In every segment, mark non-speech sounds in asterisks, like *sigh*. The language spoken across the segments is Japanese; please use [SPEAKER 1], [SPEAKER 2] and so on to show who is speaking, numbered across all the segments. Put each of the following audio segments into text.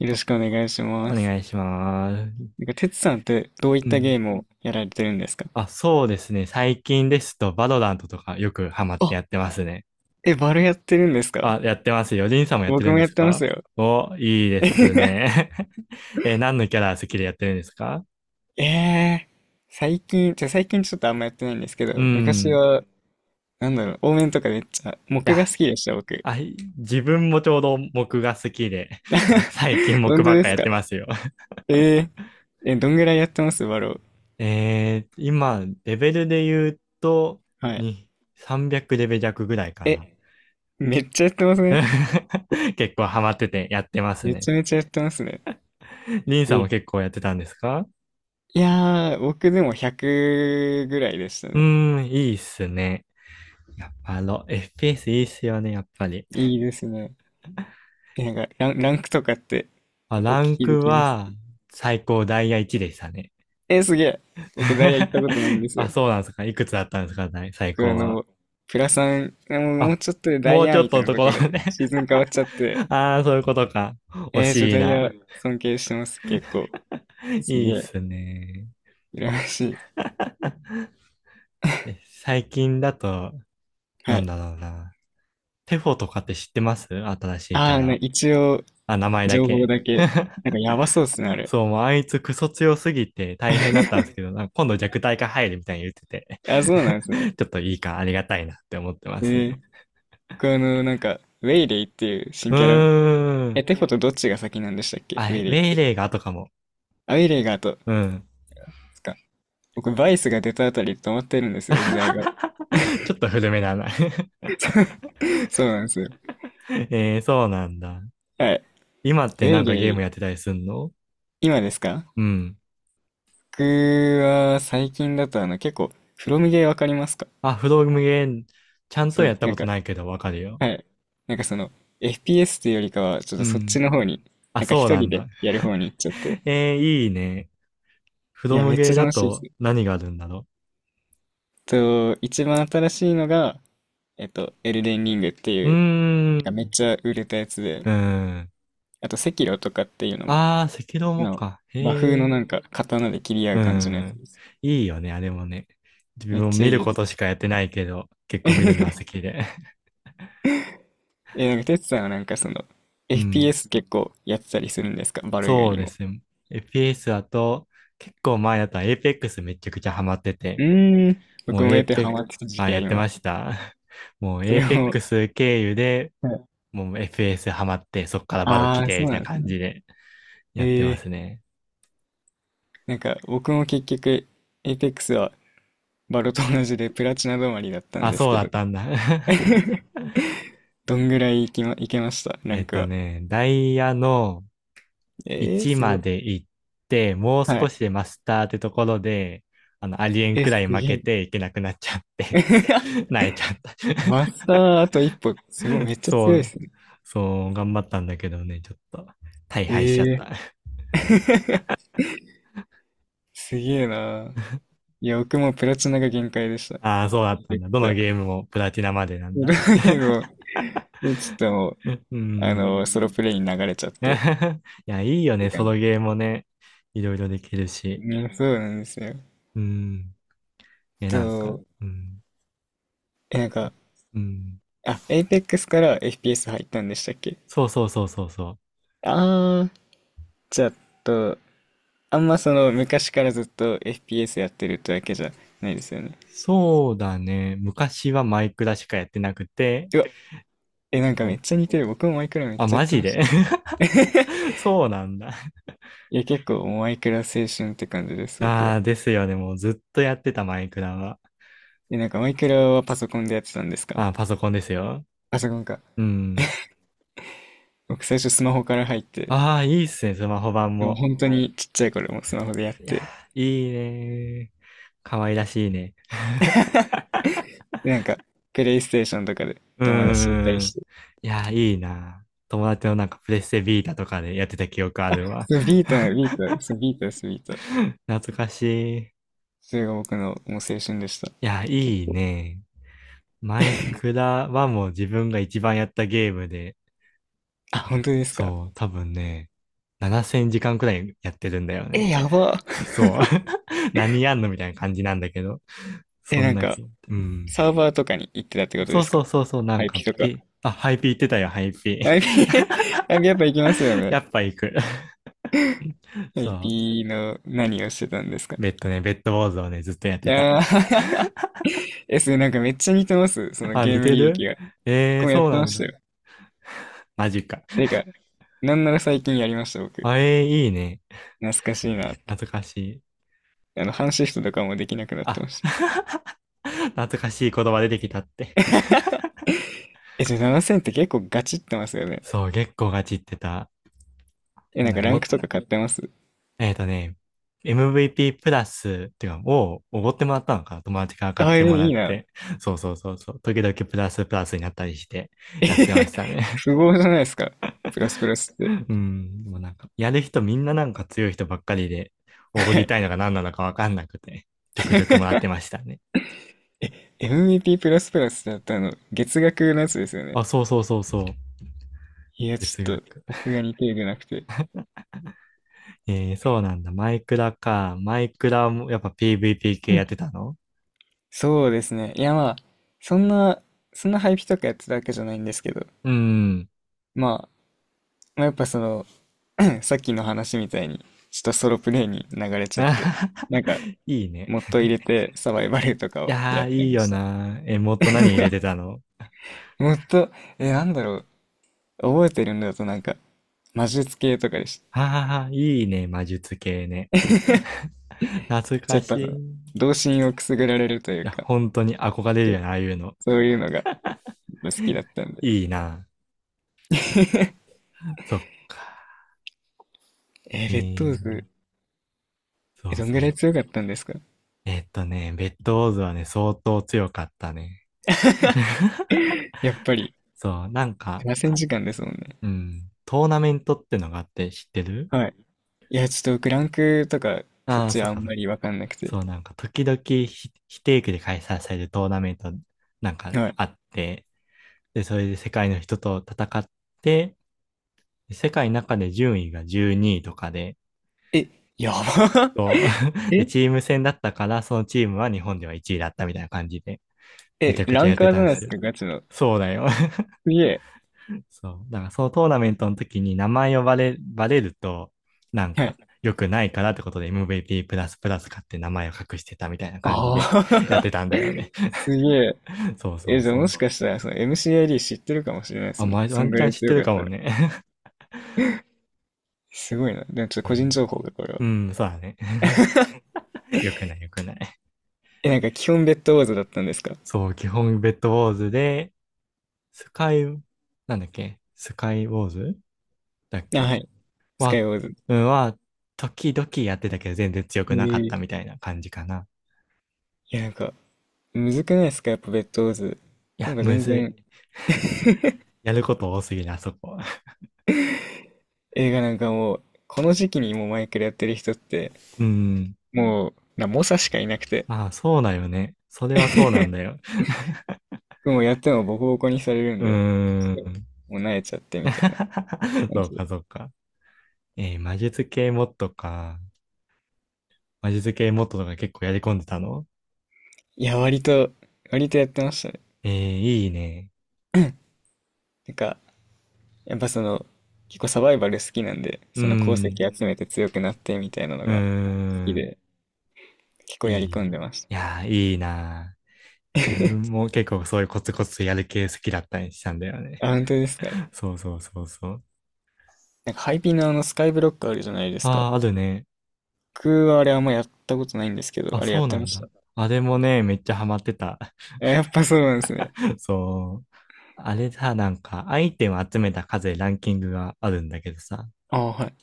[SPEAKER 1] よろしくお願いし
[SPEAKER 2] お
[SPEAKER 1] ます。
[SPEAKER 2] 願いします。
[SPEAKER 1] なんか、てつさんってどういっ
[SPEAKER 2] う
[SPEAKER 1] たゲ
[SPEAKER 2] ん。
[SPEAKER 1] ームをやられてるんですか？
[SPEAKER 2] あ、そうですね。最近ですと、バドラントとかよくハマって
[SPEAKER 1] あ、
[SPEAKER 2] やってますね。
[SPEAKER 1] え、バルやってるんですか？
[SPEAKER 2] あ、やってますよ。リンさんもやって
[SPEAKER 1] 僕
[SPEAKER 2] るん
[SPEAKER 1] も
[SPEAKER 2] で
[SPEAKER 1] やっ
[SPEAKER 2] す
[SPEAKER 1] てま
[SPEAKER 2] か？
[SPEAKER 1] すよ。
[SPEAKER 2] お、いいです
[SPEAKER 1] *laughs*
[SPEAKER 2] ね。*laughs* え、何のキャラ好きでやってるんですか？
[SPEAKER 1] ええ。最近、じゃあちょっとあんまやってないんですけ
[SPEAKER 2] う
[SPEAKER 1] ど、昔
[SPEAKER 2] ん。い
[SPEAKER 1] は、オーメンとかめっちゃ、木
[SPEAKER 2] や、
[SPEAKER 1] が好き
[SPEAKER 2] い
[SPEAKER 1] でした、僕。
[SPEAKER 2] あ、い自分もちょうど木が好きで、*laughs* 最近
[SPEAKER 1] *laughs*
[SPEAKER 2] 木
[SPEAKER 1] 本当
[SPEAKER 2] ばっ
[SPEAKER 1] で
[SPEAKER 2] か
[SPEAKER 1] す
[SPEAKER 2] やっ
[SPEAKER 1] か？
[SPEAKER 2] てますよ。
[SPEAKER 1] ええ。え、どんぐらいやってますバロー。
[SPEAKER 2] 今、レベルで言うと、
[SPEAKER 1] はい。
[SPEAKER 2] に、300レベル弱ぐらいかな。
[SPEAKER 1] え、めっちゃやってますね。
[SPEAKER 2] *laughs* 結構ハマっててやってます
[SPEAKER 1] め
[SPEAKER 2] ね。
[SPEAKER 1] ちゃめちゃやってますね。
[SPEAKER 2] リンさんも
[SPEAKER 1] い
[SPEAKER 2] 結構やってたんですか？
[SPEAKER 1] やー、僕でも100ぐらいでした
[SPEAKER 2] う
[SPEAKER 1] ね。
[SPEAKER 2] ーん、いいっすね。やっぱあの、FPS いいっすよね、やっぱり。
[SPEAKER 1] いいですね。え、なんかラン、ランクとかって
[SPEAKER 2] あ、
[SPEAKER 1] お聞
[SPEAKER 2] ラン
[SPEAKER 1] きで
[SPEAKER 2] ク
[SPEAKER 1] きます。
[SPEAKER 2] は最高ダイヤ1でしたね。
[SPEAKER 1] えー、すげえ。僕、ダイヤ行ったことないん
[SPEAKER 2] *laughs*
[SPEAKER 1] です
[SPEAKER 2] あ、
[SPEAKER 1] よ。
[SPEAKER 2] そうなんですか。いくつだったんですか、大最
[SPEAKER 1] 僕、
[SPEAKER 2] 高は。
[SPEAKER 1] プラさん、あもうも
[SPEAKER 2] あ、
[SPEAKER 1] うちょっとでダ
[SPEAKER 2] も
[SPEAKER 1] イ
[SPEAKER 2] うち
[SPEAKER 1] ヤ
[SPEAKER 2] ょっ
[SPEAKER 1] み
[SPEAKER 2] と
[SPEAKER 1] たい
[SPEAKER 2] の
[SPEAKER 1] な
[SPEAKER 2] とこ
[SPEAKER 1] とこ
[SPEAKER 2] ろ
[SPEAKER 1] で、
[SPEAKER 2] ね。
[SPEAKER 1] シーズン変わっちゃって、
[SPEAKER 2] *laughs* ああ、そういうことか。惜
[SPEAKER 1] えー、ちょ、
[SPEAKER 2] しい
[SPEAKER 1] ダイヤ
[SPEAKER 2] な。
[SPEAKER 1] 尊敬してます、結構。す
[SPEAKER 2] いいっ
[SPEAKER 1] げえ、
[SPEAKER 2] すね。
[SPEAKER 1] 羨ましい。
[SPEAKER 2] え最近だと、
[SPEAKER 1] は
[SPEAKER 2] なん
[SPEAKER 1] い。
[SPEAKER 2] だろうな。テフォとかって知ってます？新しいキ
[SPEAKER 1] あ
[SPEAKER 2] ャ
[SPEAKER 1] あ、な、
[SPEAKER 2] ラ。
[SPEAKER 1] 一応、
[SPEAKER 2] あ、名前だ
[SPEAKER 1] 情報
[SPEAKER 2] け。
[SPEAKER 1] だけ。なんか、やばそうっすね、あ
[SPEAKER 2] *laughs*
[SPEAKER 1] れ。
[SPEAKER 2] そう、もうあいつクソ強すぎて大変だったんです
[SPEAKER 1] *laughs*
[SPEAKER 2] けど、なんか今度弱体化入るみたいに言ってて
[SPEAKER 1] あ、そうなんですね。
[SPEAKER 2] *laughs* ちょっといいか、ありがたいなって思ってま
[SPEAKER 1] え
[SPEAKER 2] すね。
[SPEAKER 1] ー、僕、ウェイレイっていう
[SPEAKER 2] う
[SPEAKER 1] 新キャラ。
[SPEAKER 2] ー
[SPEAKER 1] え、
[SPEAKER 2] ん。
[SPEAKER 1] テフォとどっちが先なんでしたっけウェ
[SPEAKER 2] あ、
[SPEAKER 1] イレイっ
[SPEAKER 2] メイ
[SPEAKER 1] て。
[SPEAKER 2] レイがとかも。
[SPEAKER 1] あ、ウェイレイが後。で
[SPEAKER 2] うん。
[SPEAKER 1] すか？僕、バイスが出たあたり止まってるんですよ、時代が。
[SPEAKER 2] *laughs* ちょっと古めだな *laughs*
[SPEAKER 1] *laughs* そうなんですよ。
[SPEAKER 2] そうなんだ。
[SPEAKER 1] はい。
[SPEAKER 2] 今っ
[SPEAKER 1] ウェ
[SPEAKER 2] てな
[SPEAKER 1] イ
[SPEAKER 2] んか
[SPEAKER 1] レ
[SPEAKER 2] ゲーム
[SPEAKER 1] イ、
[SPEAKER 2] やってたりすんの？
[SPEAKER 1] 今ですか？
[SPEAKER 2] うん。
[SPEAKER 1] 僕は最近だと結構、フロムゲーわかりますか？
[SPEAKER 2] あ、フロムゲー、ちゃんと
[SPEAKER 1] そ
[SPEAKER 2] や
[SPEAKER 1] う、
[SPEAKER 2] った
[SPEAKER 1] なん
[SPEAKER 2] こと
[SPEAKER 1] か、
[SPEAKER 2] ないけどわかるよ。
[SPEAKER 1] はい。なんかその、FPS っていうよりかは、ちょっ
[SPEAKER 2] う
[SPEAKER 1] とそっち
[SPEAKER 2] ん。
[SPEAKER 1] の方に、
[SPEAKER 2] あ、
[SPEAKER 1] なんか
[SPEAKER 2] そう
[SPEAKER 1] 一
[SPEAKER 2] な
[SPEAKER 1] 人
[SPEAKER 2] ん
[SPEAKER 1] で
[SPEAKER 2] だ。
[SPEAKER 1] やる方に行っちゃって。
[SPEAKER 2] *laughs* えー、いいね。フ
[SPEAKER 1] い
[SPEAKER 2] ロ
[SPEAKER 1] や、
[SPEAKER 2] ム
[SPEAKER 1] めっち
[SPEAKER 2] ゲー
[SPEAKER 1] ゃ
[SPEAKER 2] だ
[SPEAKER 1] 楽しいです。
[SPEAKER 2] と何があるんだろ
[SPEAKER 1] と、一番新しいのが、エルデンリングって
[SPEAKER 2] う。
[SPEAKER 1] い
[SPEAKER 2] う
[SPEAKER 1] う、
[SPEAKER 2] ー
[SPEAKER 1] めっ
[SPEAKER 2] ん。
[SPEAKER 1] ちゃ売れたやつで、
[SPEAKER 2] うん。
[SPEAKER 1] あと、セキロとかっていうのも、
[SPEAKER 2] ああ、赤道も
[SPEAKER 1] の、
[SPEAKER 2] か。
[SPEAKER 1] 和風
[SPEAKER 2] へ
[SPEAKER 1] の
[SPEAKER 2] え。
[SPEAKER 1] なんか刀で切り合
[SPEAKER 2] う
[SPEAKER 1] う感じのやつ
[SPEAKER 2] ん。
[SPEAKER 1] です。
[SPEAKER 2] いいよね、あれもね。自
[SPEAKER 1] め
[SPEAKER 2] 分
[SPEAKER 1] っ
[SPEAKER 2] も
[SPEAKER 1] ちゃ
[SPEAKER 2] 見
[SPEAKER 1] い
[SPEAKER 2] る
[SPEAKER 1] いで
[SPEAKER 2] こ
[SPEAKER 1] す。
[SPEAKER 2] としかやってないけど、結構見るのは好
[SPEAKER 1] *laughs*
[SPEAKER 2] きで。*laughs*
[SPEAKER 1] え、てつさんはなんかその、
[SPEAKER 2] うん。
[SPEAKER 1] FPS 結構やってたりするんですかバロ以外
[SPEAKER 2] そう
[SPEAKER 1] に
[SPEAKER 2] で
[SPEAKER 1] も。
[SPEAKER 2] すね。FPS だと、結構前だったら Apex めちゃくちゃハマって
[SPEAKER 1] う
[SPEAKER 2] て、
[SPEAKER 1] ーん。
[SPEAKER 2] も
[SPEAKER 1] 僕
[SPEAKER 2] う
[SPEAKER 1] もやってハマ
[SPEAKER 2] Apex、
[SPEAKER 1] ってた時
[SPEAKER 2] あ、
[SPEAKER 1] 期あ
[SPEAKER 2] やっ
[SPEAKER 1] り
[SPEAKER 2] て
[SPEAKER 1] ま
[SPEAKER 2] ま
[SPEAKER 1] す。
[SPEAKER 2] した。*laughs* もう
[SPEAKER 1] それも、
[SPEAKER 2] Apex 経由で、
[SPEAKER 1] はい。
[SPEAKER 2] もう FPS ハマって、そっからバド
[SPEAKER 1] あ
[SPEAKER 2] 来
[SPEAKER 1] あ、
[SPEAKER 2] て、
[SPEAKER 1] そう
[SPEAKER 2] みたい
[SPEAKER 1] な
[SPEAKER 2] な
[SPEAKER 1] んです
[SPEAKER 2] 感じ
[SPEAKER 1] ね。
[SPEAKER 2] でやってま
[SPEAKER 1] ええ。
[SPEAKER 2] すね。
[SPEAKER 1] なんか、僕も結局、エイペックスはバロと同じでプラチナ止まりだったん
[SPEAKER 2] あ、
[SPEAKER 1] です
[SPEAKER 2] そう
[SPEAKER 1] け
[SPEAKER 2] だ
[SPEAKER 1] ど。
[SPEAKER 2] ったんだ。
[SPEAKER 1] *laughs*
[SPEAKER 2] *laughs*
[SPEAKER 1] どんぐらいいきま、いけましたランクは。
[SPEAKER 2] ダイヤの、
[SPEAKER 1] ええ
[SPEAKER 2] 1
[SPEAKER 1] すご
[SPEAKER 2] ま
[SPEAKER 1] い。
[SPEAKER 2] で行って、もう
[SPEAKER 1] は
[SPEAKER 2] 少
[SPEAKER 1] い。
[SPEAKER 2] しでマスターってところで、あの、ありえん
[SPEAKER 1] え、
[SPEAKER 2] くら
[SPEAKER 1] す
[SPEAKER 2] い負
[SPEAKER 1] げ
[SPEAKER 2] け
[SPEAKER 1] え。
[SPEAKER 2] ていけなくなっちゃって *laughs*
[SPEAKER 1] *laughs*
[SPEAKER 2] 泣いちゃった。
[SPEAKER 1] マスターあと一歩。すごい、めっ
[SPEAKER 2] *laughs*
[SPEAKER 1] ちゃ
[SPEAKER 2] そ
[SPEAKER 1] 強いで
[SPEAKER 2] う、
[SPEAKER 1] すね。
[SPEAKER 2] そう、頑張ったんだけどね、ちょっと、大敗しちゃっ
[SPEAKER 1] ええ。
[SPEAKER 2] た。
[SPEAKER 1] *laughs* すげえな。
[SPEAKER 2] *laughs*
[SPEAKER 1] いや、僕もプラチナが限界でした。
[SPEAKER 2] ああ、そうだっ
[SPEAKER 1] 限
[SPEAKER 2] た
[SPEAKER 1] 界
[SPEAKER 2] んだ。どの
[SPEAKER 1] でさ、
[SPEAKER 2] ゲームもプラチナまでな
[SPEAKER 1] ソ
[SPEAKER 2] ん
[SPEAKER 1] ロゲ
[SPEAKER 2] だ。
[SPEAKER 1] ームを
[SPEAKER 2] *laughs*
[SPEAKER 1] 打つともう、
[SPEAKER 2] う
[SPEAKER 1] あ
[SPEAKER 2] ん。
[SPEAKER 1] の、ソロプレイに流れちゃって、っ
[SPEAKER 2] *laughs* いや、いいよ
[SPEAKER 1] て
[SPEAKER 2] ね、ソ
[SPEAKER 1] 感
[SPEAKER 2] ロ
[SPEAKER 1] じ。
[SPEAKER 2] ゲーもね。いろいろできるし。
[SPEAKER 1] ね、そうなんですよ。
[SPEAKER 2] うん。え、なんか、
[SPEAKER 1] と、
[SPEAKER 2] うん。
[SPEAKER 1] え、なんか、
[SPEAKER 2] うん。
[SPEAKER 1] あ、エイペックスから FPS 入ったんでしたっけ？
[SPEAKER 2] そうそうそうそうそう。
[SPEAKER 1] あー、じゃあ、と、あんまその、昔からずっと FPS やってるってわけじゃないですよね。
[SPEAKER 2] そうだね。昔はマイクラしかやってなくて、
[SPEAKER 1] うわ、え、なんかめ
[SPEAKER 2] お、
[SPEAKER 1] っちゃ似てる。僕もマイクラめっ
[SPEAKER 2] あ、
[SPEAKER 1] ちゃや
[SPEAKER 2] マ
[SPEAKER 1] って
[SPEAKER 2] ジ
[SPEAKER 1] まし
[SPEAKER 2] で？
[SPEAKER 1] た。
[SPEAKER 2] *laughs* そうなんだ。
[SPEAKER 1] いや、結構もうマイクラ青春って感じです、僕
[SPEAKER 2] あ
[SPEAKER 1] は。
[SPEAKER 2] あ、ですよね。もうずっとやってたマイクラは。
[SPEAKER 1] え、なんかマイクラはパソコンでやってたんですか？
[SPEAKER 2] あー、パソコンですよ。
[SPEAKER 1] パソコンか。
[SPEAKER 2] うん。
[SPEAKER 1] 僕最初スマホから入って、
[SPEAKER 2] ああ、いいっすね、スマホ版
[SPEAKER 1] でも
[SPEAKER 2] も。
[SPEAKER 1] 本当にちっちゃい頃もスマホでやっ
[SPEAKER 2] いや
[SPEAKER 1] て、
[SPEAKER 2] ー、いいねー。可愛らしいね。
[SPEAKER 1] で、なんか、プレイステーションとかで
[SPEAKER 2] う
[SPEAKER 1] 友達とやったり
[SPEAKER 2] ー
[SPEAKER 1] し
[SPEAKER 2] ん。
[SPEAKER 1] て、
[SPEAKER 2] いやー、いいなー。友達のなんかプレステビータとかでやってた記憶あるわ。
[SPEAKER 1] そう、ビートなの、ビート、そう、ビートです、ビート。
[SPEAKER 2] *laughs* 懐かしい。
[SPEAKER 1] それが僕のもう青春でした。
[SPEAKER 2] いやー、
[SPEAKER 1] 結
[SPEAKER 2] いい
[SPEAKER 1] 構。
[SPEAKER 2] ねー。マイクラはもう自分が一番やったゲームで、
[SPEAKER 1] あ、本当ですか？
[SPEAKER 2] そう、多分ね、7000時間くらいやってるんだよね。
[SPEAKER 1] え、やば。
[SPEAKER 2] *laughs* そう。*laughs* 何やんのみたいな感じなんだけど。
[SPEAKER 1] え、
[SPEAKER 2] そ
[SPEAKER 1] な
[SPEAKER 2] ん
[SPEAKER 1] ん
[SPEAKER 2] な
[SPEAKER 1] か、
[SPEAKER 2] け、うん。
[SPEAKER 1] サーバーとかに行ってたって
[SPEAKER 2] あ、
[SPEAKER 1] ことで
[SPEAKER 2] そう
[SPEAKER 1] す
[SPEAKER 2] そう
[SPEAKER 1] か？
[SPEAKER 2] そうそう、なんか、
[SPEAKER 1] IP とか。
[SPEAKER 2] ハイピー言ってたよ、ハイピ
[SPEAKER 1] IP、*laughs* IP やっぱ行きますよ
[SPEAKER 2] ー。*laughs* や
[SPEAKER 1] ね。
[SPEAKER 2] っぱ行く。*laughs* そう。
[SPEAKER 1] IP の何をしてたんですか？
[SPEAKER 2] ベッドね、ベッド坊主ーをね、ずっとやっ
[SPEAKER 1] い
[SPEAKER 2] て
[SPEAKER 1] や
[SPEAKER 2] た。
[SPEAKER 1] ー。 *laughs* え、それなんかめっちゃ似てます。その
[SPEAKER 2] あ、
[SPEAKER 1] ゲ
[SPEAKER 2] 似
[SPEAKER 1] ーム
[SPEAKER 2] て
[SPEAKER 1] 履歴
[SPEAKER 2] る？
[SPEAKER 1] が。
[SPEAKER 2] ええー、
[SPEAKER 1] 僕もやっ
[SPEAKER 2] そう
[SPEAKER 1] て
[SPEAKER 2] な
[SPEAKER 1] ま
[SPEAKER 2] ん
[SPEAKER 1] した
[SPEAKER 2] だ。
[SPEAKER 1] よ。
[SPEAKER 2] マジか。
[SPEAKER 1] てか、なんなら最近やりました、僕。
[SPEAKER 2] あ、ええー、いいね。
[SPEAKER 1] 懐かしいなって。
[SPEAKER 2] 懐かしい。
[SPEAKER 1] あの、半シフトとかもできなくなって
[SPEAKER 2] あ、
[SPEAKER 1] ました。
[SPEAKER 2] *laughs* 懐かしい言葉出てきたって。
[SPEAKER 1] え、じゃあ7000って結構ガチってますよね。
[SPEAKER 2] そう、月光が散ってた。
[SPEAKER 1] え、
[SPEAKER 2] なん
[SPEAKER 1] なん
[SPEAKER 2] だ、
[SPEAKER 1] かラン
[SPEAKER 2] も、
[SPEAKER 1] クとか買ってます？
[SPEAKER 2] えっとね、MVP プラスっていうか、をおごってもらったのかな、友達から買っ
[SPEAKER 1] あ、
[SPEAKER 2] て
[SPEAKER 1] え、
[SPEAKER 2] もら
[SPEAKER 1] い
[SPEAKER 2] っ
[SPEAKER 1] いな。
[SPEAKER 2] て。*laughs* そうそうそうそう。時々プラスプラスになったりして
[SPEAKER 1] え
[SPEAKER 2] やっ
[SPEAKER 1] へ
[SPEAKER 2] てま
[SPEAKER 1] へ。
[SPEAKER 2] したね。
[SPEAKER 1] 富豪じゃないですか。プラスプラスって。
[SPEAKER 2] *laughs* うん。でもなんか、やる人みんななんか強い人ばっかりで、おご
[SPEAKER 1] は
[SPEAKER 2] りたいの
[SPEAKER 1] い。
[SPEAKER 2] が何なのかわかんなくて、ちょくちょくもらってま
[SPEAKER 1] *laughs*
[SPEAKER 2] したね。
[SPEAKER 1] え、MVP プラスプラスだったあの、月額のやつですよね。
[SPEAKER 2] あ、そうそうそうそう。
[SPEAKER 1] いや、ち
[SPEAKER 2] 月
[SPEAKER 1] ょっと、
[SPEAKER 2] 額。
[SPEAKER 1] さすがに手出なくて。
[SPEAKER 2] そうなんだ。マイクラか。マイクラもやっぱ PVP 系
[SPEAKER 1] う
[SPEAKER 2] や
[SPEAKER 1] ん、
[SPEAKER 2] ってたの？
[SPEAKER 1] そうですね。いや、まあ、そんな、そんなハイピとかやってたわけじゃないんですけど、
[SPEAKER 2] うん。
[SPEAKER 1] まあ、まあ、やっぱその、*laughs* *clears throat* さっきの話みたいに、ちょっとソロプレイに流れちゃって、なんか、
[SPEAKER 2] *laughs* いいね。
[SPEAKER 1] モッド入
[SPEAKER 2] *laughs*
[SPEAKER 1] れてサバイバルとか
[SPEAKER 2] い
[SPEAKER 1] をや
[SPEAKER 2] や
[SPEAKER 1] っ
[SPEAKER 2] ー、
[SPEAKER 1] て
[SPEAKER 2] いい
[SPEAKER 1] まし
[SPEAKER 2] よ
[SPEAKER 1] た。
[SPEAKER 2] なー。え、もっと何入れ
[SPEAKER 1] *laughs*
[SPEAKER 2] てたの？
[SPEAKER 1] モッド、え、覚えてるんだとなんか、魔術系とかでした。
[SPEAKER 2] ああー、いいね、魔術系ね。*laughs* 懐
[SPEAKER 1] じゃ
[SPEAKER 2] か
[SPEAKER 1] あやっ
[SPEAKER 2] し
[SPEAKER 1] ぱそ
[SPEAKER 2] い。
[SPEAKER 1] の、
[SPEAKER 2] い
[SPEAKER 1] 童心をくすぐられるという
[SPEAKER 2] や、
[SPEAKER 1] か、
[SPEAKER 2] 本当に憧れ
[SPEAKER 1] ち
[SPEAKER 2] る
[SPEAKER 1] ょっ
[SPEAKER 2] よ
[SPEAKER 1] と
[SPEAKER 2] ね、ああいうの。
[SPEAKER 1] そういうのが好きだったんで。
[SPEAKER 2] いいな。そっか。
[SPEAKER 1] えー、
[SPEAKER 2] え
[SPEAKER 1] ベッドオーズ、
[SPEAKER 2] ー、そ
[SPEAKER 1] え、
[SPEAKER 2] う
[SPEAKER 1] どんぐ
[SPEAKER 2] そ
[SPEAKER 1] ら
[SPEAKER 2] う。
[SPEAKER 1] い強かったんですか？
[SPEAKER 2] ベッドウォーズはね、相当強かったね。*laughs*
[SPEAKER 1] やっぱり、
[SPEAKER 2] そう、なんか、
[SPEAKER 1] 7000時間ですもんね。
[SPEAKER 2] うん、トーナメントってのがあって知ってる？
[SPEAKER 1] はい。いや、ちょっとクランクとか、そっ
[SPEAKER 2] ああー、
[SPEAKER 1] ち
[SPEAKER 2] そ
[SPEAKER 1] は
[SPEAKER 2] っ
[SPEAKER 1] あ
[SPEAKER 2] か
[SPEAKER 1] ん
[SPEAKER 2] そっ
[SPEAKER 1] ま
[SPEAKER 2] か。
[SPEAKER 1] りわかんなくて。
[SPEAKER 2] そう、なんか、時々非定期で開催されるトーナメントなんか
[SPEAKER 1] は
[SPEAKER 2] あって、で、それで世界の人と戦って、世界の中で順位が12位とかで、
[SPEAKER 1] い。え、やば。
[SPEAKER 2] そう *laughs* で、
[SPEAKER 1] え、*laughs*
[SPEAKER 2] チーム戦だったから、そのチームは日本では1位だったみたいな感じで、めち
[SPEAKER 1] え、
[SPEAKER 2] ゃく
[SPEAKER 1] ラ
[SPEAKER 2] ちゃや
[SPEAKER 1] ン
[SPEAKER 2] っ
[SPEAKER 1] カ
[SPEAKER 2] て
[SPEAKER 1] ー
[SPEAKER 2] た
[SPEAKER 1] じゃ
[SPEAKER 2] んで
[SPEAKER 1] ないで
[SPEAKER 2] す
[SPEAKER 1] す
[SPEAKER 2] よ。
[SPEAKER 1] か、ガチの。
[SPEAKER 2] そうだよ。
[SPEAKER 1] すげえ。
[SPEAKER 2] *laughs* そう。だからそのトーナメントの時に名前をバレると、なん
[SPEAKER 1] は
[SPEAKER 2] か、
[SPEAKER 1] い。
[SPEAKER 2] 良くないからってことで MVP++ プラスプラス買って名前を隠してたみたいな感じ
[SPEAKER 1] あ
[SPEAKER 2] でやっ
[SPEAKER 1] あ。
[SPEAKER 2] てたんだよね。
[SPEAKER 1] *laughs* すげえ。
[SPEAKER 2] *laughs* そうそ
[SPEAKER 1] え、
[SPEAKER 2] う
[SPEAKER 1] じゃあ
[SPEAKER 2] そ
[SPEAKER 1] も
[SPEAKER 2] う。
[SPEAKER 1] しかしたら、その MCID 知ってるかもしれないで
[SPEAKER 2] あ、
[SPEAKER 1] すね。
[SPEAKER 2] ま
[SPEAKER 1] そ
[SPEAKER 2] ワ
[SPEAKER 1] ん
[SPEAKER 2] ン
[SPEAKER 1] ぐ
[SPEAKER 2] チャ
[SPEAKER 1] ら
[SPEAKER 2] ン
[SPEAKER 1] い
[SPEAKER 2] 知っ
[SPEAKER 1] 強
[SPEAKER 2] て
[SPEAKER 1] か
[SPEAKER 2] る
[SPEAKER 1] っ
[SPEAKER 2] か
[SPEAKER 1] た
[SPEAKER 2] も
[SPEAKER 1] ら。
[SPEAKER 2] ね。
[SPEAKER 1] すごいな。でもちょっと
[SPEAKER 2] *laughs* え
[SPEAKER 1] 個
[SPEAKER 2] ー
[SPEAKER 1] 人情報がこれは。
[SPEAKER 2] うん、そうだね。*laughs* 良くない良くない。
[SPEAKER 1] え、なんか基本ベッドウォーズだったんですか？
[SPEAKER 2] そう、基本ベッドウォーズで、スカイ、なんだっけスカイウォーズだっ
[SPEAKER 1] あ、は
[SPEAKER 2] け
[SPEAKER 1] い。スカイ
[SPEAKER 2] は、
[SPEAKER 1] ウォーズ。
[SPEAKER 2] うん、は、時々やってたけど全然強
[SPEAKER 1] え
[SPEAKER 2] くなかった
[SPEAKER 1] ー。
[SPEAKER 2] みたいな感じかな。
[SPEAKER 1] いや、なんか、むずくないですかやっぱベッドウォーズ。
[SPEAKER 2] い
[SPEAKER 1] なん
[SPEAKER 2] や、
[SPEAKER 1] か
[SPEAKER 2] む
[SPEAKER 1] 全
[SPEAKER 2] ずい。
[SPEAKER 1] 然、
[SPEAKER 2] やること多すぎる、あそこ。*laughs*
[SPEAKER 1] 映画なんかもう、この時期にもうマイクラやってる人って、
[SPEAKER 2] うん。
[SPEAKER 1] もう、な、猛者しかいなくて。
[SPEAKER 2] まあ、そうだよね。それはそうなんだ
[SPEAKER 1] *laughs*
[SPEAKER 2] よ。*laughs*
[SPEAKER 1] 僕もうやってもボコボコにされるん
[SPEAKER 2] う
[SPEAKER 1] で、
[SPEAKER 2] ー
[SPEAKER 1] ちょっと
[SPEAKER 2] ん。
[SPEAKER 1] もう慣れちゃってみたいな
[SPEAKER 2] *laughs*
[SPEAKER 1] 感
[SPEAKER 2] そ
[SPEAKER 1] じ
[SPEAKER 2] う
[SPEAKER 1] で。
[SPEAKER 2] か、そうか。魔術系モッドか。魔術系モッドとか結構やり込んでたの？
[SPEAKER 1] いや、割と、割とやってましたね。
[SPEAKER 2] えーいいね。
[SPEAKER 1] なんか、やっぱその、結構サバイバル好きなんで、
[SPEAKER 2] う
[SPEAKER 1] その鉱石
[SPEAKER 2] ん。
[SPEAKER 1] 集めて強くなってみたいなの
[SPEAKER 2] うー
[SPEAKER 1] が好き
[SPEAKER 2] ん。
[SPEAKER 1] で、結構やり
[SPEAKER 2] いい
[SPEAKER 1] 込んで
[SPEAKER 2] ね。
[SPEAKER 1] ました。
[SPEAKER 2] いやー、いいなー。自
[SPEAKER 1] *laughs*
[SPEAKER 2] 分も結構そういうコツコツやる系好きだったりしたんだよね。
[SPEAKER 1] あ、本当ですか。
[SPEAKER 2] *laughs* そうそうそうそう。
[SPEAKER 1] なんかハイピーのあのスカイブロックあるじゃないですか。
[SPEAKER 2] ああ、あるね。
[SPEAKER 1] 僕はあれあんまやったことないんですけど、
[SPEAKER 2] あ、
[SPEAKER 1] あれや
[SPEAKER 2] そ
[SPEAKER 1] っ
[SPEAKER 2] う
[SPEAKER 1] て
[SPEAKER 2] な
[SPEAKER 1] ま
[SPEAKER 2] ん
[SPEAKER 1] し
[SPEAKER 2] だ。
[SPEAKER 1] た。
[SPEAKER 2] あれもね、めっちゃハマってた。
[SPEAKER 1] えやっぱそうなんですね。
[SPEAKER 2] *laughs* そう。あれさ、なんか、アイテム集めた数でランキングがあるんだけどさ、
[SPEAKER 1] あ、はい。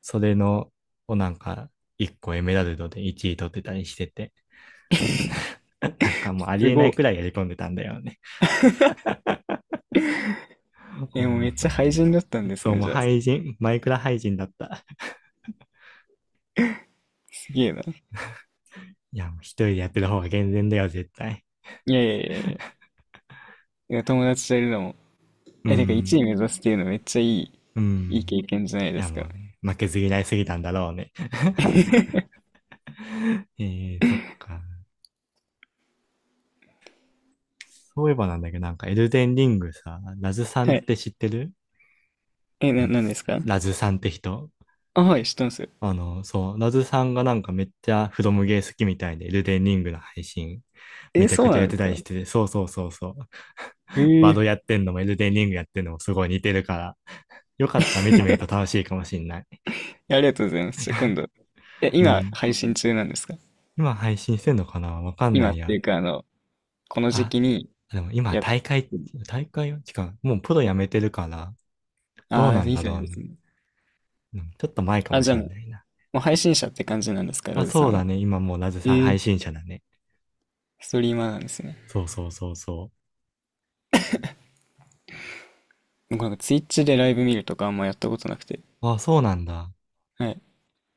[SPEAKER 2] それの、をなんか、1個エメラルドで1位取ってたりしてて、*laughs* なんかもうあり
[SPEAKER 1] す
[SPEAKER 2] えな
[SPEAKER 1] ご
[SPEAKER 2] いくら
[SPEAKER 1] い。
[SPEAKER 2] いやり込んでたんだよね。*laughs* ほ
[SPEAKER 1] え、もう
[SPEAKER 2] ん
[SPEAKER 1] めっ
[SPEAKER 2] と。
[SPEAKER 1] ちゃ廃人だったんです
[SPEAKER 2] そう、
[SPEAKER 1] ね、
[SPEAKER 2] もう
[SPEAKER 1] じゃあ。
[SPEAKER 2] 廃人、マイクラ廃人だった。
[SPEAKER 1] すげえな。
[SPEAKER 2] いや、もう一人でやってる方が健全だよ、絶対。
[SPEAKER 1] いやいやいやいや。いや友達といるのも
[SPEAKER 2] う
[SPEAKER 1] え、てか1
[SPEAKER 2] ん。
[SPEAKER 1] 位目指すっていうのめっちゃいい、
[SPEAKER 2] う
[SPEAKER 1] いい
[SPEAKER 2] ん。
[SPEAKER 1] 経験じゃない
[SPEAKER 2] い
[SPEAKER 1] で
[SPEAKER 2] や、
[SPEAKER 1] す
[SPEAKER 2] も
[SPEAKER 1] か。
[SPEAKER 2] うね、負けず嫌いすぎたんだろうね。*laughs*
[SPEAKER 1] *laughs*
[SPEAKER 2] えそっか。そういえばなんだけど、なんかエルデンリングさ、ラズさんっ
[SPEAKER 1] は
[SPEAKER 2] て
[SPEAKER 1] い。
[SPEAKER 2] 知ってる？
[SPEAKER 1] え、な、なんですか？
[SPEAKER 2] ラズさんって人
[SPEAKER 1] あ、はい、知ってますよ。
[SPEAKER 2] あの、そう、ラズさんがなんかめっちゃフロムゲー好きみたいで、エルデンリングの配信め
[SPEAKER 1] え、
[SPEAKER 2] ちゃ
[SPEAKER 1] そ
[SPEAKER 2] く
[SPEAKER 1] う
[SPEAKER 2] ちゃ
[SPEAKER 1] な
[SPEAKER 2] やっ
[SPEAKER 1] んで
[SPEAKER 2] て
[SPEAKER 1] す
[SPEAKER 2] た
[SPEAKER 1] か？
[SPEAKER 2] りしてて、そうそうそうそう。
[SPEAKER 1] え
[SPEAKER 2] *laughs* バド
[SPEAKER 1] ー、
[SPEAKER 2] やってんのもエルデンリングやってんのもすごい似てるから、よかったら見てみると楽しいかもしんない。
[SPEAKER 1] えありがとうございます。じゃあ今度。え、
[SPEAKER 2] う
[SPEAKER 1] 今、
[SPEAKER 2] ん。
[SPEAKER 1] 配信中なんですか？
[SPEAKER 2] 今配信してんのかなわかんな
[SPEAKER 1] 今
[SPEAKER 2] い
[SPEAKER 1] ってい
[SPEAKER 2] や。
[SPEAKER 1] うか、あの、この時
[SPEAKER 2] あ、
[SPEAKER 1] 期に
[SPEAKER 2] でも今
[SPEAKER 1] やって
[SPEAKER 2] 大会、
[SPEAKER 1] る。
[SPEAKER 2] 大会は違う。もうプロ辞めてるから、
[SPEAKER 1] あ
[SPEAKER 2] どう
[SPEAKER 1] あ、
[SPEAKER 2] なん
[SPEAKER 1] いい
[SPEAKER 2] だ
[SPEAKER 1] じゃな
[SPEAKER 2] ろ
[SPEAKER 1] い
[SPEAKER 2] う
[SPEAKER 1] で
[SPEAKER 2] な。
[SPEAKER 1] すね。
[SPEAKER 2] うんちょっと前かも
[SPEAKER 1] あ、じゃ
[SPEAKER 2] し
[SPEAKER 1] あも
[SPEAKER 2] ん
[SPEAKER 1] う、
[SPEAKER 2] ないな。
[SPEAKER 1] もう配信者って感じなんですか、
[SPEAKER 2] あ、
[SPEAKER 1] ラズさ
[SPEAKER 2] そう
[SPEAKER 1] ん
[SPEAKER 2] だ
[SPEAKER 1] は。
[SPEAKER 2] ね。今もうなぜ
[SPEAKER 1] え
[SPEAKER 2] さん配
[SPEAKER 1] ー、
[SPEAKER 2] 信者だね。
[SPEAKER 1] ストリーマーなんですね。
[SPEAKER 2] そうそうそうそ
[SPEAKER 1] 僕なんかツイッチでライブ見るとかあんまやったことなくて。
[SPEAKER 2] う。あ、そうなんだ。
[SPEAKER 1] はい。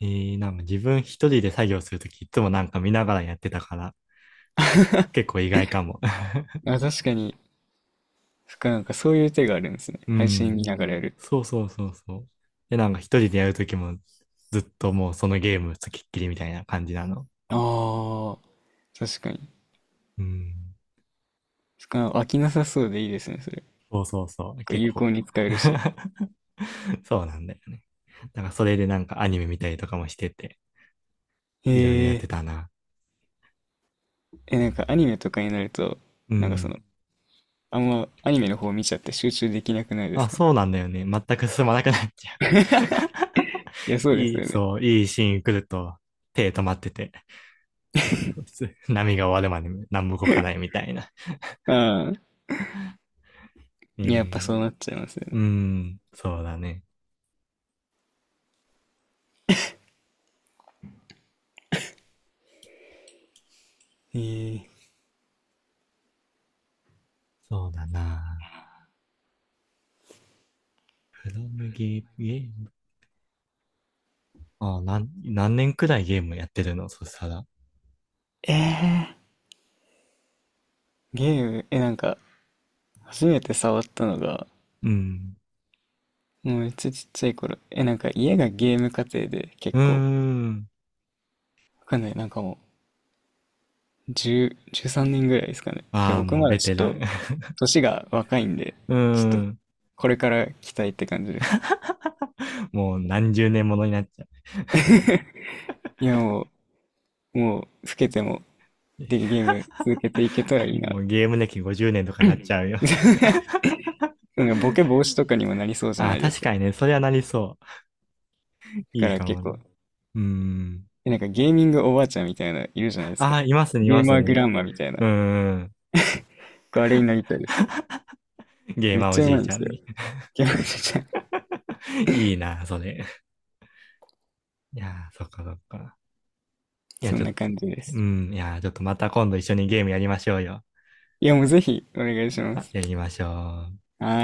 [SPEAKER 2] なんか自分一人で作業するときいつもなんか見ながらやってたから、結構意外かも。*laughs*
[SPEAKER 1] あ、確かに、そっかなんかそういう手があるんですね。
[SPEAKER 2] う
[SPEAKER 1] 配信見
[SPEAKER 2] ん。
[SPEAKER 1] ながらやる。
[SPEAKER 2] そうそうそうそう。で、なんか一人でやるときもずっともうそのゲームつきっきりみたいな感じなの。
[SPEAKER 1] ああ、確かに。
[SPEAKER 2] うん。
[SPEAKER 1] しかも飽きなさそうでいいですね、それ。
[SPEAKER 2] そうそうそう、
[SPEAKER 1] こう
[SPEAKER 2] 結
[SPEAKER 1] 有効
[SPEAKER 2] 構
[SPEAKER 1] に使えるし。
[SPEAKER 2] *laughs* そうなんだよね。だからそれでなんかアニメ見たりとかもしてて、いろいろや
[SPEAKER 1] へ
[SPEAKER 2] っ
[SPEAKER 1] え。
[SPEAKER 2] てたな。
[SPEAKER 1] え、なんかアニメとかになると、
[SPEAKER 2] う
[SPEAKER 1] なんかそ
[SPEAKER 2] ん。
[SPEAKER 1] の、あんまアニメの方見ちゃって集中できなくないで
[SPEAKER 2] あ、
[SPEAKER 1] すか？
[SPEAKER 2] そうなんだよね。全く進まなくなっちゃう。
[SPEAKER 1] いや、
[SPEAKER 2] *laughs*
[SPEAKER 1] そうで
[SPEAKER 2] い
[SPEAKER 1] す
[SPEAKER 2] い、
[SPEAKER 1] よね。
[SPEAKER 2] そう、いいシーン来ると、手止まってて、そうす波が終わるまで何も動かないみたいな。
[SPEAKER 1] ああ、
[SPEAKER 2] え
[SPEAKER 1] やっぱそ
[SPEAKER 2] ー、
[SPEAKER 1] うなっちゃいますよ
[SPEAKER 2] う
[SPEAKER 1] ね。
[SPEAKER 2] ん、そうだね。
[SPEAKER 1] へえ。
[SPEAKER 2] そうだな。フロムゲー、ゲーム。あ、何年くらいゲームやってるの？そしたら。
[SPEAKER 1] えー、ゲーム、え、なんか、初めて触ったのが、
[SPEAKER 2] うん。
[SPEAKER 1] もうめっちゃちっちゃい頃。え、なんか家がゲーム家庭で
[SPEAKER 2] う
[SPEAKER 1] 結
[SPEAKER 2] ー
[SPEAKER 1] 構、
[SPEAKER 2] ん。
[SPEAKER 1] わかんない、なんかもう、10、3年ぐらいですかね。で、
[SPEAKER 2] ああ、
[SPEAKER 1] 僕
[SPEAKER 2] もう
[SPEAKER 1] まだ
[SPEAKER 2] ベ
[SPEAKER 1] ちょ
[SPEAKER 2] テ
[SPEAKER 1] っ
[SPEAKER 2] ラ
[SPEAKER 1] と、
[SPEAKER 2] ン。*laughs*
[SPEAKER 1] 年が若いんで、
[SPEAKER 2] うー
[SPEAKER 1] ちょっと、
[SPEAKER 2] ん。
[SPEAKER 1] これから期待って感じです。
[SPEAKER 2] もう何十年ものになっちゃう。
[SPEAKER 1] *laughs* いや、もう、もう、老けても、で、ゲーム続けていけたらいいな。
[SPEAKER 2] もうゲーム歴50年とかなっちゃうよ。
[SPEAKER 1] *laughs* なんかボケ防止とかにもなりそう
[SPEAKER 2] *laughs*
[SPEAKER 1] じゃ
[SPEAKER 2] あ
[SPEAKER 1] な
[SPEAKER 2] あ、
[SPEAKER 1] いで
[SPEAKER 2] 確
[SPEAKER 1] すか。
[SPEAKER 2] か
[SPEAKER 1] だ
[SPEAKER 2] にね、それはなりそう。
[SPEAKER 1] か
[SPEAKER 2] いい
[SPEAKER 1] ら
[SPEAKER 2] か
[SPEAKER 1] 結
[SPEAKER 2] もな。
[SPEAKER 1] 構、
[SPEAKER 2] うーん。
[SPEAKER 1] えなんかゲーミングおばあちゃんみたいな、いるじゃないですか。
[SPEAKER 2] ああ、いますね、い
[SPEAKER 1] ゲ
[SPEAKER 2] ま
[SPEAKER 1] ー
[SPEAKER 2] す
[SPEAKER 1] マーグ
[SPEAKER 2] ね。
[SPEAKER 1] ランマみたいな。
[SPEAKER 2] うーん。
[SPEAKER 1] 僕あれになりたいです。
[SPEAKER 2] ゲー
[SPEAKER 1] めっ
[SPEAKER 2] マーお
[SPEAKER 1] ちゃう
[SPEAKER 2] じ
[SPEAKER 1] ま
[SPEAKER 2] い
[SPEAKER 1] いん
[SPEAKER 2] ち
[SPEAKER 1] で
[SPEAKER 2] ゃ
[SPEAKER 1] す
[SPEAKER 2] ん
[SPEAKER 1] よ。
[SPEAKER 2] に。
[SPEAKER 1] ゲーマーちゃん。
[SPEAKER 2] *laughs* いいな、それ。いやー、そっかそっか。いや、
[SPEAKER 1] そ
[SPEAKER 2] ち
[SPEAKER 1] ん
[SPEAKER 2] ょっ
[SPEAKER 1] な
[SPEAKER 2] と。
[SPEAKER 1] 感じで
[SPEAKER 2] う
[SPEAKER 1] す。
[SPEAKER 2] ん。いやー、ちょっとまた今度一緒にゲームやりましょうよ。
[SPEAKER 1] いや、もうぜひ、お願いしま
[SPEAKER 2] あ、
[SPEAKER 1] す。
[SPEAKER 2] やりましょう。
[SPEAKER 1] はーい。